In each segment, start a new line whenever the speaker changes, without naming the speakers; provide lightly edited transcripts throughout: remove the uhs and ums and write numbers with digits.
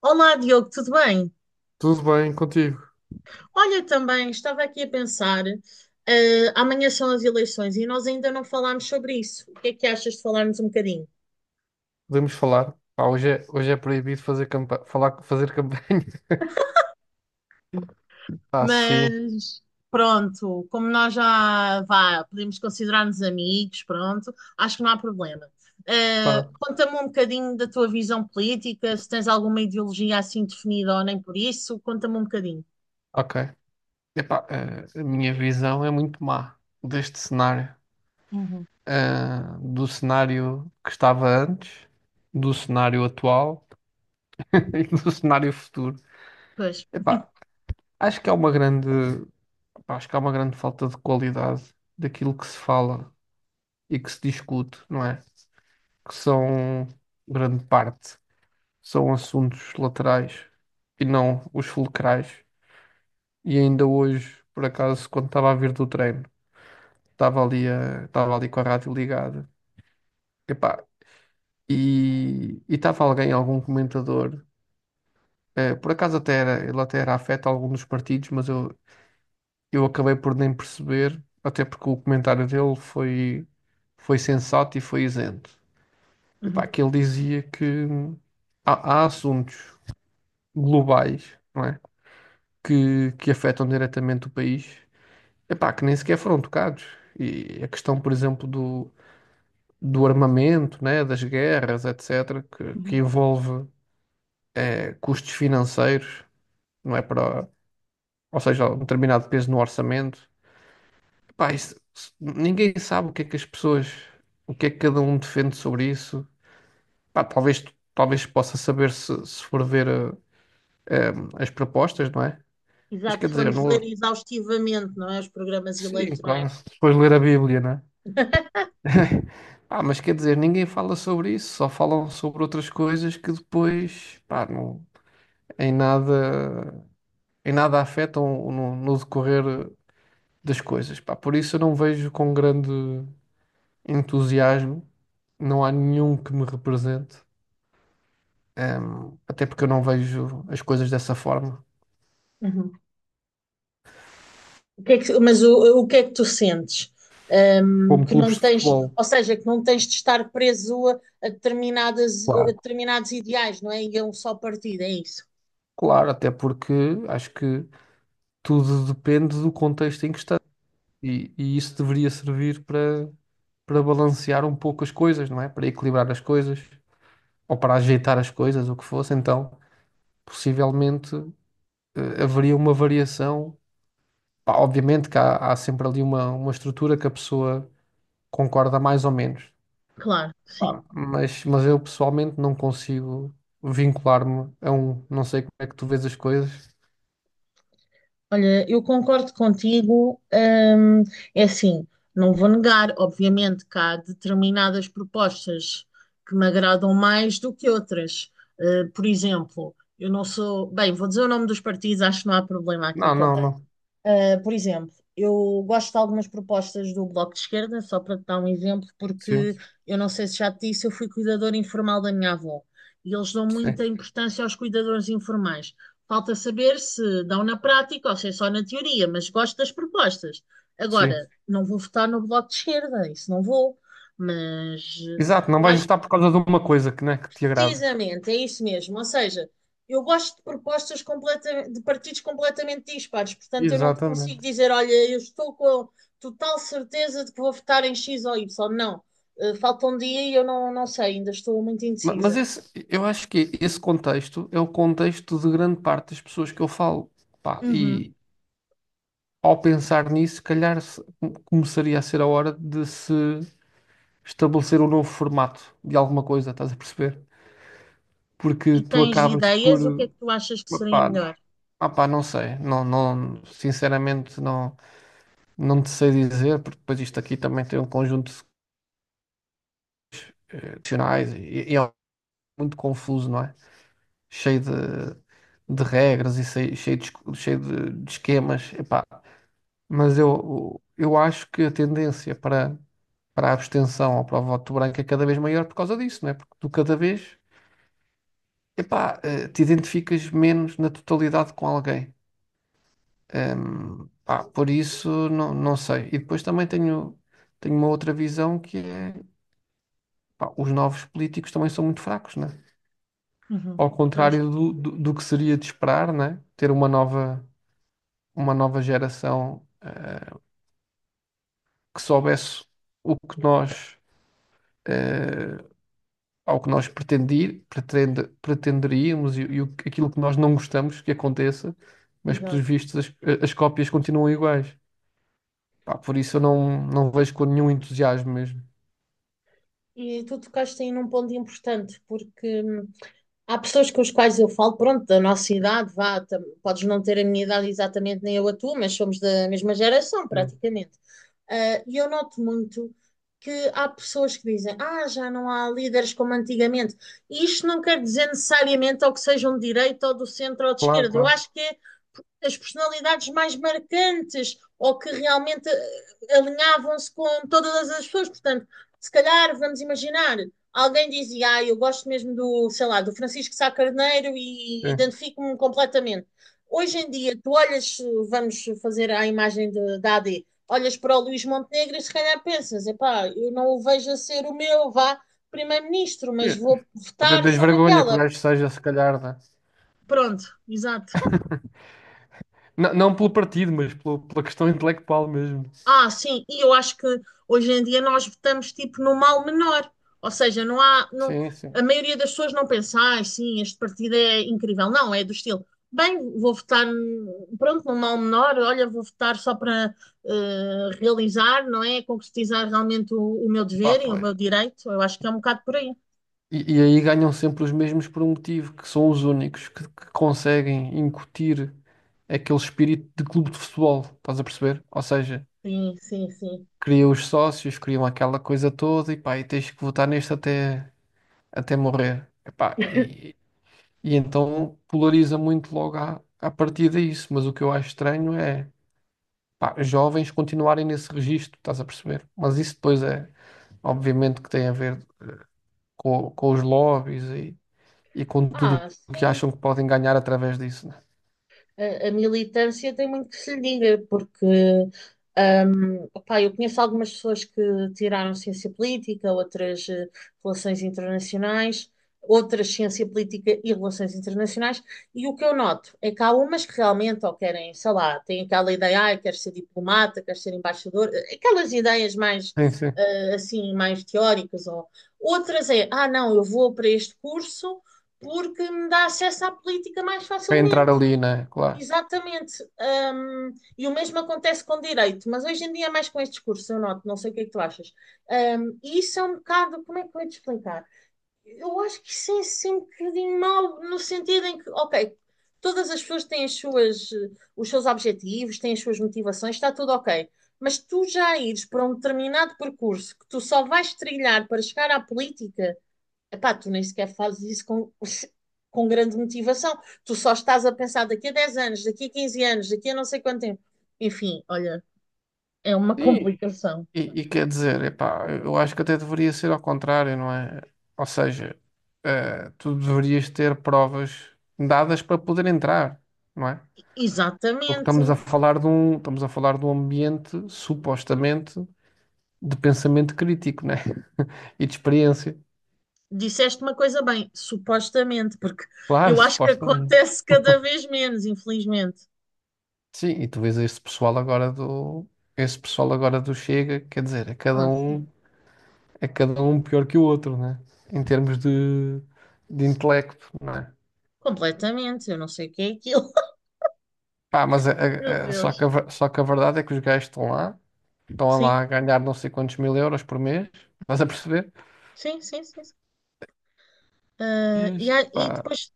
Olá, Diogo, tudo bem?
Tudo bem contigo?
Olha, também estava aqui a pensar, amanhã são as eleições e nós ainda não falámos sobre isso. O que é que achas de falarmos um bocadinho?
Podemos falar? Pá, hoje é proibido fazer campa falar, fazer campanha. Ah, sim.
Mas pronto, como nós já vá, podemos considerar-nos amigos, pronto, acho que não há problema.
Pá,
Conta-me um bocadinho da tua visão política, se tens alguma ideologia assim definida ou nem por isso, conta-me um bocadinho.
ok. Epá, a minha visão é muito má deste cenário.
Uhum.
Ah, do cenário que estava antes, do cenário atual e do cenário futuro.
Pois.
Epá, acho que há uma grande, pá, acho que há uma grande falta de qualidade daquilo que se fala e que se discute, não é? Que são grande parte. São assuntos laterais e não os fulcrais. E ainda hoje, por acaso, quando estava a vir do treino, estava ali com a rádio ligada. Epá, e estava alguém, algum comentador, por acaso até era, ele até era afeto a algum dos partidos, eu acabei por nem perceber, até porque o comentário dele foi, foi sensato e foi isento. Epá,
Uhum.
que ele dizia que há assuntos globais, não é? Que afetam diretamente o país, epá, que nem sequer foram tocados. E a questão, por exemplo, do armamento, né, das guerras, etc., que
Uhum.
envolve custos financeiros, não é para, ou seja, um determinado peso no orçamento. Epá, ninguém sabe o que é que as pessoas, o que é que cada um defende sobre isso. Pá, talvez, talvez possa saber se for ver eh, as propostas, não é? Mas
Exato,
quer
se
dizer,
formos
não,
ler exaustivamente, não é, os programas
sim,
eleitorais.
claro, se depois ler a Bíblia, né? Ah, mas quer dizer, ninguém fala sobre isso, só falam sobre outras coisas que depois, pá, em nada, em nada afetam no decorrer das coisas, pá. Por isso eu não vejo com grande entusiasmo, não há nenhum que me represente. Até porque eu não vejo as coisas dessa forma,
Uhum. O que é que- Mas o que é que tu sentes?
como
Que não
clubes de
tens,
futebol,
ou seja, que não tens de estar preso a determinadas, a
claro.
determinados ideais, não é? E a um só partido, é isso.
Claro, até porque acho que tudo depende do contexto em que está e isso deveria servir para balancear um pouco as coisas, não é? Para equilibrar as coisas ou para ajeitar as coisas, o que fosse. Então, possivelmente, haveria uma variação. Pá, obviamente que há sempre ali uma estrutura que a pessoa concorda mais ou menos.
Claro, sim.
Pá, mas eu pessoalmente não consigo vincular-me a um. Não sei como é que tu vês as coisas.
Olha, eu concordo contigo. É assim, não vou negar, obviamente, que há determinadas propostas que me agradam mais do que outras. Ah, por exemplo, eu não sou, bem, vou dizer o nome dos partidos, acho que não há problema aqui
Não, não,
também.
não.
Por exemplo, eu gosto de algumas propostas do Bloco de Esquerda, só para te dar um exemplo, porque
Sim,
eu não sei se já te disse, eu fui cuidadora informal da minha avó e eles dão muita
sim,
importância aos cuidadores informais. Falta saber se dão na prática ou se é só na teoria, mas gosto das propostas. Agora,
sim.
não vou votar no Bloco de Esquerda, isso não vou, mas
Exato, não
lá.
vais gostar por causa de uma coisa que, né, que te agrada.
Precisamente, é isso mesmo. Ou seja, eu gosto de de partidos completamente dispares, portanto, eu não te consigo
Exatamente.
dizer, olha, eu estou com a total certeza de que vou votar em X ou Y. Não. Falta um dia e eu não, não sei, ainda estou muito
Mas
indecisa.
esse, eu acho que esse contexto é o contexto de grande parte das pessoas que eu falo. Pá,
Uhum.
e ao pensar nisso, se calhar começaria a ser a hora de se estabelecer um novo formato de alguma coisa, estás a perceber? Porque
E
tu
tens
acabas por.
ideias? O que é que tu achas que seria
Pá,
melhor?
não sei, não, não, sinceramente não, não te sei dizer, porque depois isto aqui também tem um conjunto de questionais e é muito confuso, não é? Cheio de regras e cheio de esquemas, epá. Mas eu acho que a tendência para a abstenção ou para o voto branco é cada vez maior por causa disso, não é? Porque tu cada vez, te identificas menos na totalidade com alguém. Pá, por isso, não, não sei. E depois também tenho, tenho uma outra visão que é, pá, os novos políticos também são muito fracos, não é?
Uhum.
Ao
Pois,
contrário do que seria de esperar, né? Ter uma nova geração que soubesse o que nós eh, ao que nós pretenderíamos e o aquilo que nós não gostamos que aconteça, mas
exato.
pelos vistos as cópias continuam iguais. Pá, por isso eu não, não vejo com nenhum entusiasmo mesmo.
E tu tocaste aí num ponto importante, porque há pessoas com as quais eu falo, pronto, da nossa idade, vá, podes não ter a minha idade exatamente nem eu a tua, mas somos da mesma geração,
Sim.
praticamente. Ah, e eu noto muito que há pessoas que dizem, ah, já não há líderes como antigamente. E isto não quer dizer necessariamente ou que sejam de direita ou do centro ou de
Claro,
esquerda. Eu
claro.
acho que é as personalidades mais marcantes ou que realmente alinhavam-se com todas as pessoas. Portanto, se calhar, vamos imaginar, alguém dizia, ah, eu gosto mesmo do, sei lá, do Francisco Sá Carneiro e
Sim.
identifico-me completamente. Hoje em dia, tu olhas, vamos fazer da AD, olhas para o Luís Montenegro e se calhar pensas, epá, eu não o vejo a ser o meu, vá, primeiro-ministro,
É.
mas vou
Até
votar
tens
só
vergonha que o
naquela.
gajo seja, se calhar, né?
Pronto, exato.
Não, não pelo partido, mas pela questão intelectual mesmo.
Ah, sim, e eu acho que hoje em dia nós votamos tipo no mal menor, ou seja, não,
Sim,
a
sim.
maioria das pessoas não pensa, ah, sim, este partido é incrível, não, é do estilo, bem, vou votar, pronto, no mal menor, olha, vou votar só para realizar, não é, concretizar realmente o meu
Pá,
dever e o
pois.
meu direito, eu acho que é um bocado por aí.
E aí ganham sempre os mesmos por um motivo, que são os únicos que conseguem incutir aquele espírito de clube de futebol, estás a perceber? Ou seja,
Sim, sim, sim.
criam os sócios, criam aquela coisa toda e pá, e tens que votar até morrer. Epá, e então polariza muito logo à partida isso, mas o que eu acho estranho é pá, jovens continuarem nesse registro, estás a perceber? Mas isso depois é, obviamente, que tem a ver com os lobbies e com tudo
Ah,
o que
sim.
acham que podem ganhar através disso, né?
A, a militância tem muito que se lhe diga, porque opá, eu conheço algumas pessoas que tiraram ciência política, outras relações internacionais, outras ciência política e relações internacionais, e o que eu noto é que há umas que realmente ou querem, sei lá, têm aquela ideia, ah, quero ser diplomata, quero ser embaixador, aquelas ideias mais
Sim, sim.
assim, mais teóricas, ou outras é, ah, não, eu vou para este curso porque me dá acesso à política mais
Para entrar
facilmente.
ali, né? Claro.
Exatamente. E o mesmo acontece com direito, mas hoje em dia é mais com este discurso, eu noto, não sei o que é que tu achas. E isso é um bocado, como é que eu ia te explicar? Eu acho que isso é sempre um bocadinho mau, no sentido em que, ok, todas as pessoas têm as suas, os seus objetivos, têm as suas motivações, está tudo ok. Mas tu já ires para um determinado percurso que tu só vais trilhar para chegar à política. Epá, tu nem sequer fazes isso com grande motivação. Tu só estás a pensar daqui a 10 anos, daqui a 15 anos, daqui a não sei quanto tempo. Enfim, olha, é uma
E,
complicação.
e quer dizer, epá, eu acho que até deveria ser ao contrário, não é? Ou seja, tu deverias ter provas dadas para poder entrar, não é? Porque
Exatamente.
estamos a falar de um ambiente supostamente de pensamento crítico, né? E de experiência.
Disseste uma coisa bem, supostamente, porque
Claro,
eu acho que
supostamente.
acontece cada vez menos, infelizmente.
Sim, e tu vês esse pessoal agora do Chega, quer dizer,
Ah, sim.
é cada um pior que o outro, né? Em termos de intelecto, né?
Completamente. Eu não sei o que é aquilo.
Pá, mas
Meu Deus.
só que a verdade é que os gajos estão
Sim,
lá a ganhar não sei quantos mil euros por mês, estás a perceber?
sim, sim, sim. Ah, e,
E,
e
pá,
depois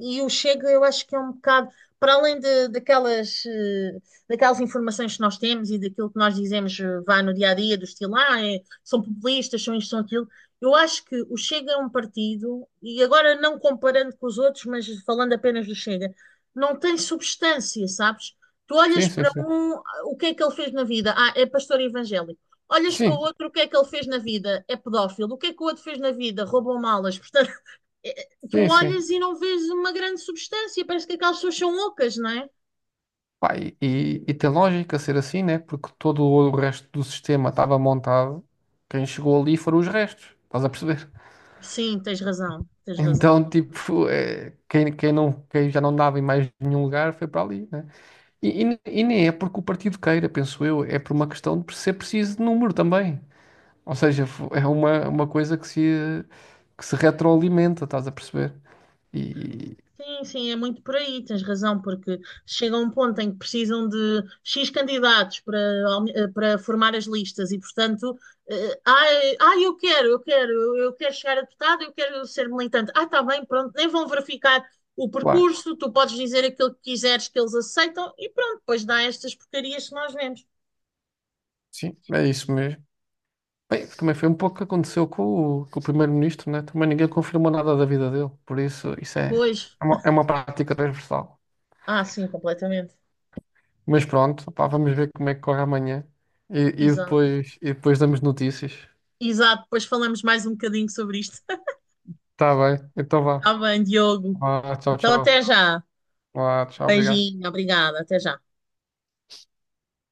e o Chega eu acho que é um bocado para além de, daquelas daquelas informações que nós temos e daquilo que nós dizemos, vá, no dia a dia do estilo ah, são populistas, são isto, são aquilo, eu acho que o Chega é um partido, e agora não comparando com os outros mas falando apenas do Chega, não tem substância, sabes? Tu olhas
sim, sim,
para
sim.
um, ah, o que é que ele fez na vida? Ah, é pastor evangélico. Olhas para o
Sim,
outro, o que é que ele fez na vida? É pedófilo. O que é que o outro fez na vida? Roubou malas. É, é, tu
sim, sim.
olhas e não vês uma grande substância, parece que aquelas pessoas são ocas, não é?
Pá, e tem lógica ser assim, né? Porque todo o resto do sistema estava montado, quem chegou ali foram os restos, estás a perceber?
Sim, tens razão, tens razão.
Então, tipo, é, quem já não dava em mais nenhum lugar foi para ali, né? E, e nem é porque o partido queira, penso eu, é por uma questão de ser preciso de número também. Ou seja, é uma coisa que se retroalimenta, estás a perceber? E,
Sim, sim, é muito por aí, tens razão, porque chega um ponto em que precisam de X candidatos para, para formar as listas e, portanto, ai, ai, eu quero, eu quero, eu quero chegar a deputado, eu quero ser militante. Ah, está bem, pronto, nem vão verificar o
claro,
percurso, tu podes dizer aquilo que quiseres que eles aceitam e pronto, depois dá estas porcarias que nós vemos.
sim, é isso mesmo. Bem, também foi um pouco o que aconteceu com o primeiro-ministro, né? Também ninguém confirmou nada da vida dele, por isso isso é,
Pois,
é uma prática transversal.
ah, sim, completamente.
Mas pronto, pá, vamos ver como é que corre amanhã e, e
Exato.
e depois damos notícias.
Exato, depois falamos mais um bocadinho sobre isto.
Tá bem, então vá.
Está bem, Diogo.
Vá, tchau,
Então, até
tchau.
já.
Vá, tchau, obrigado.
Beijinho, obrigada, até já.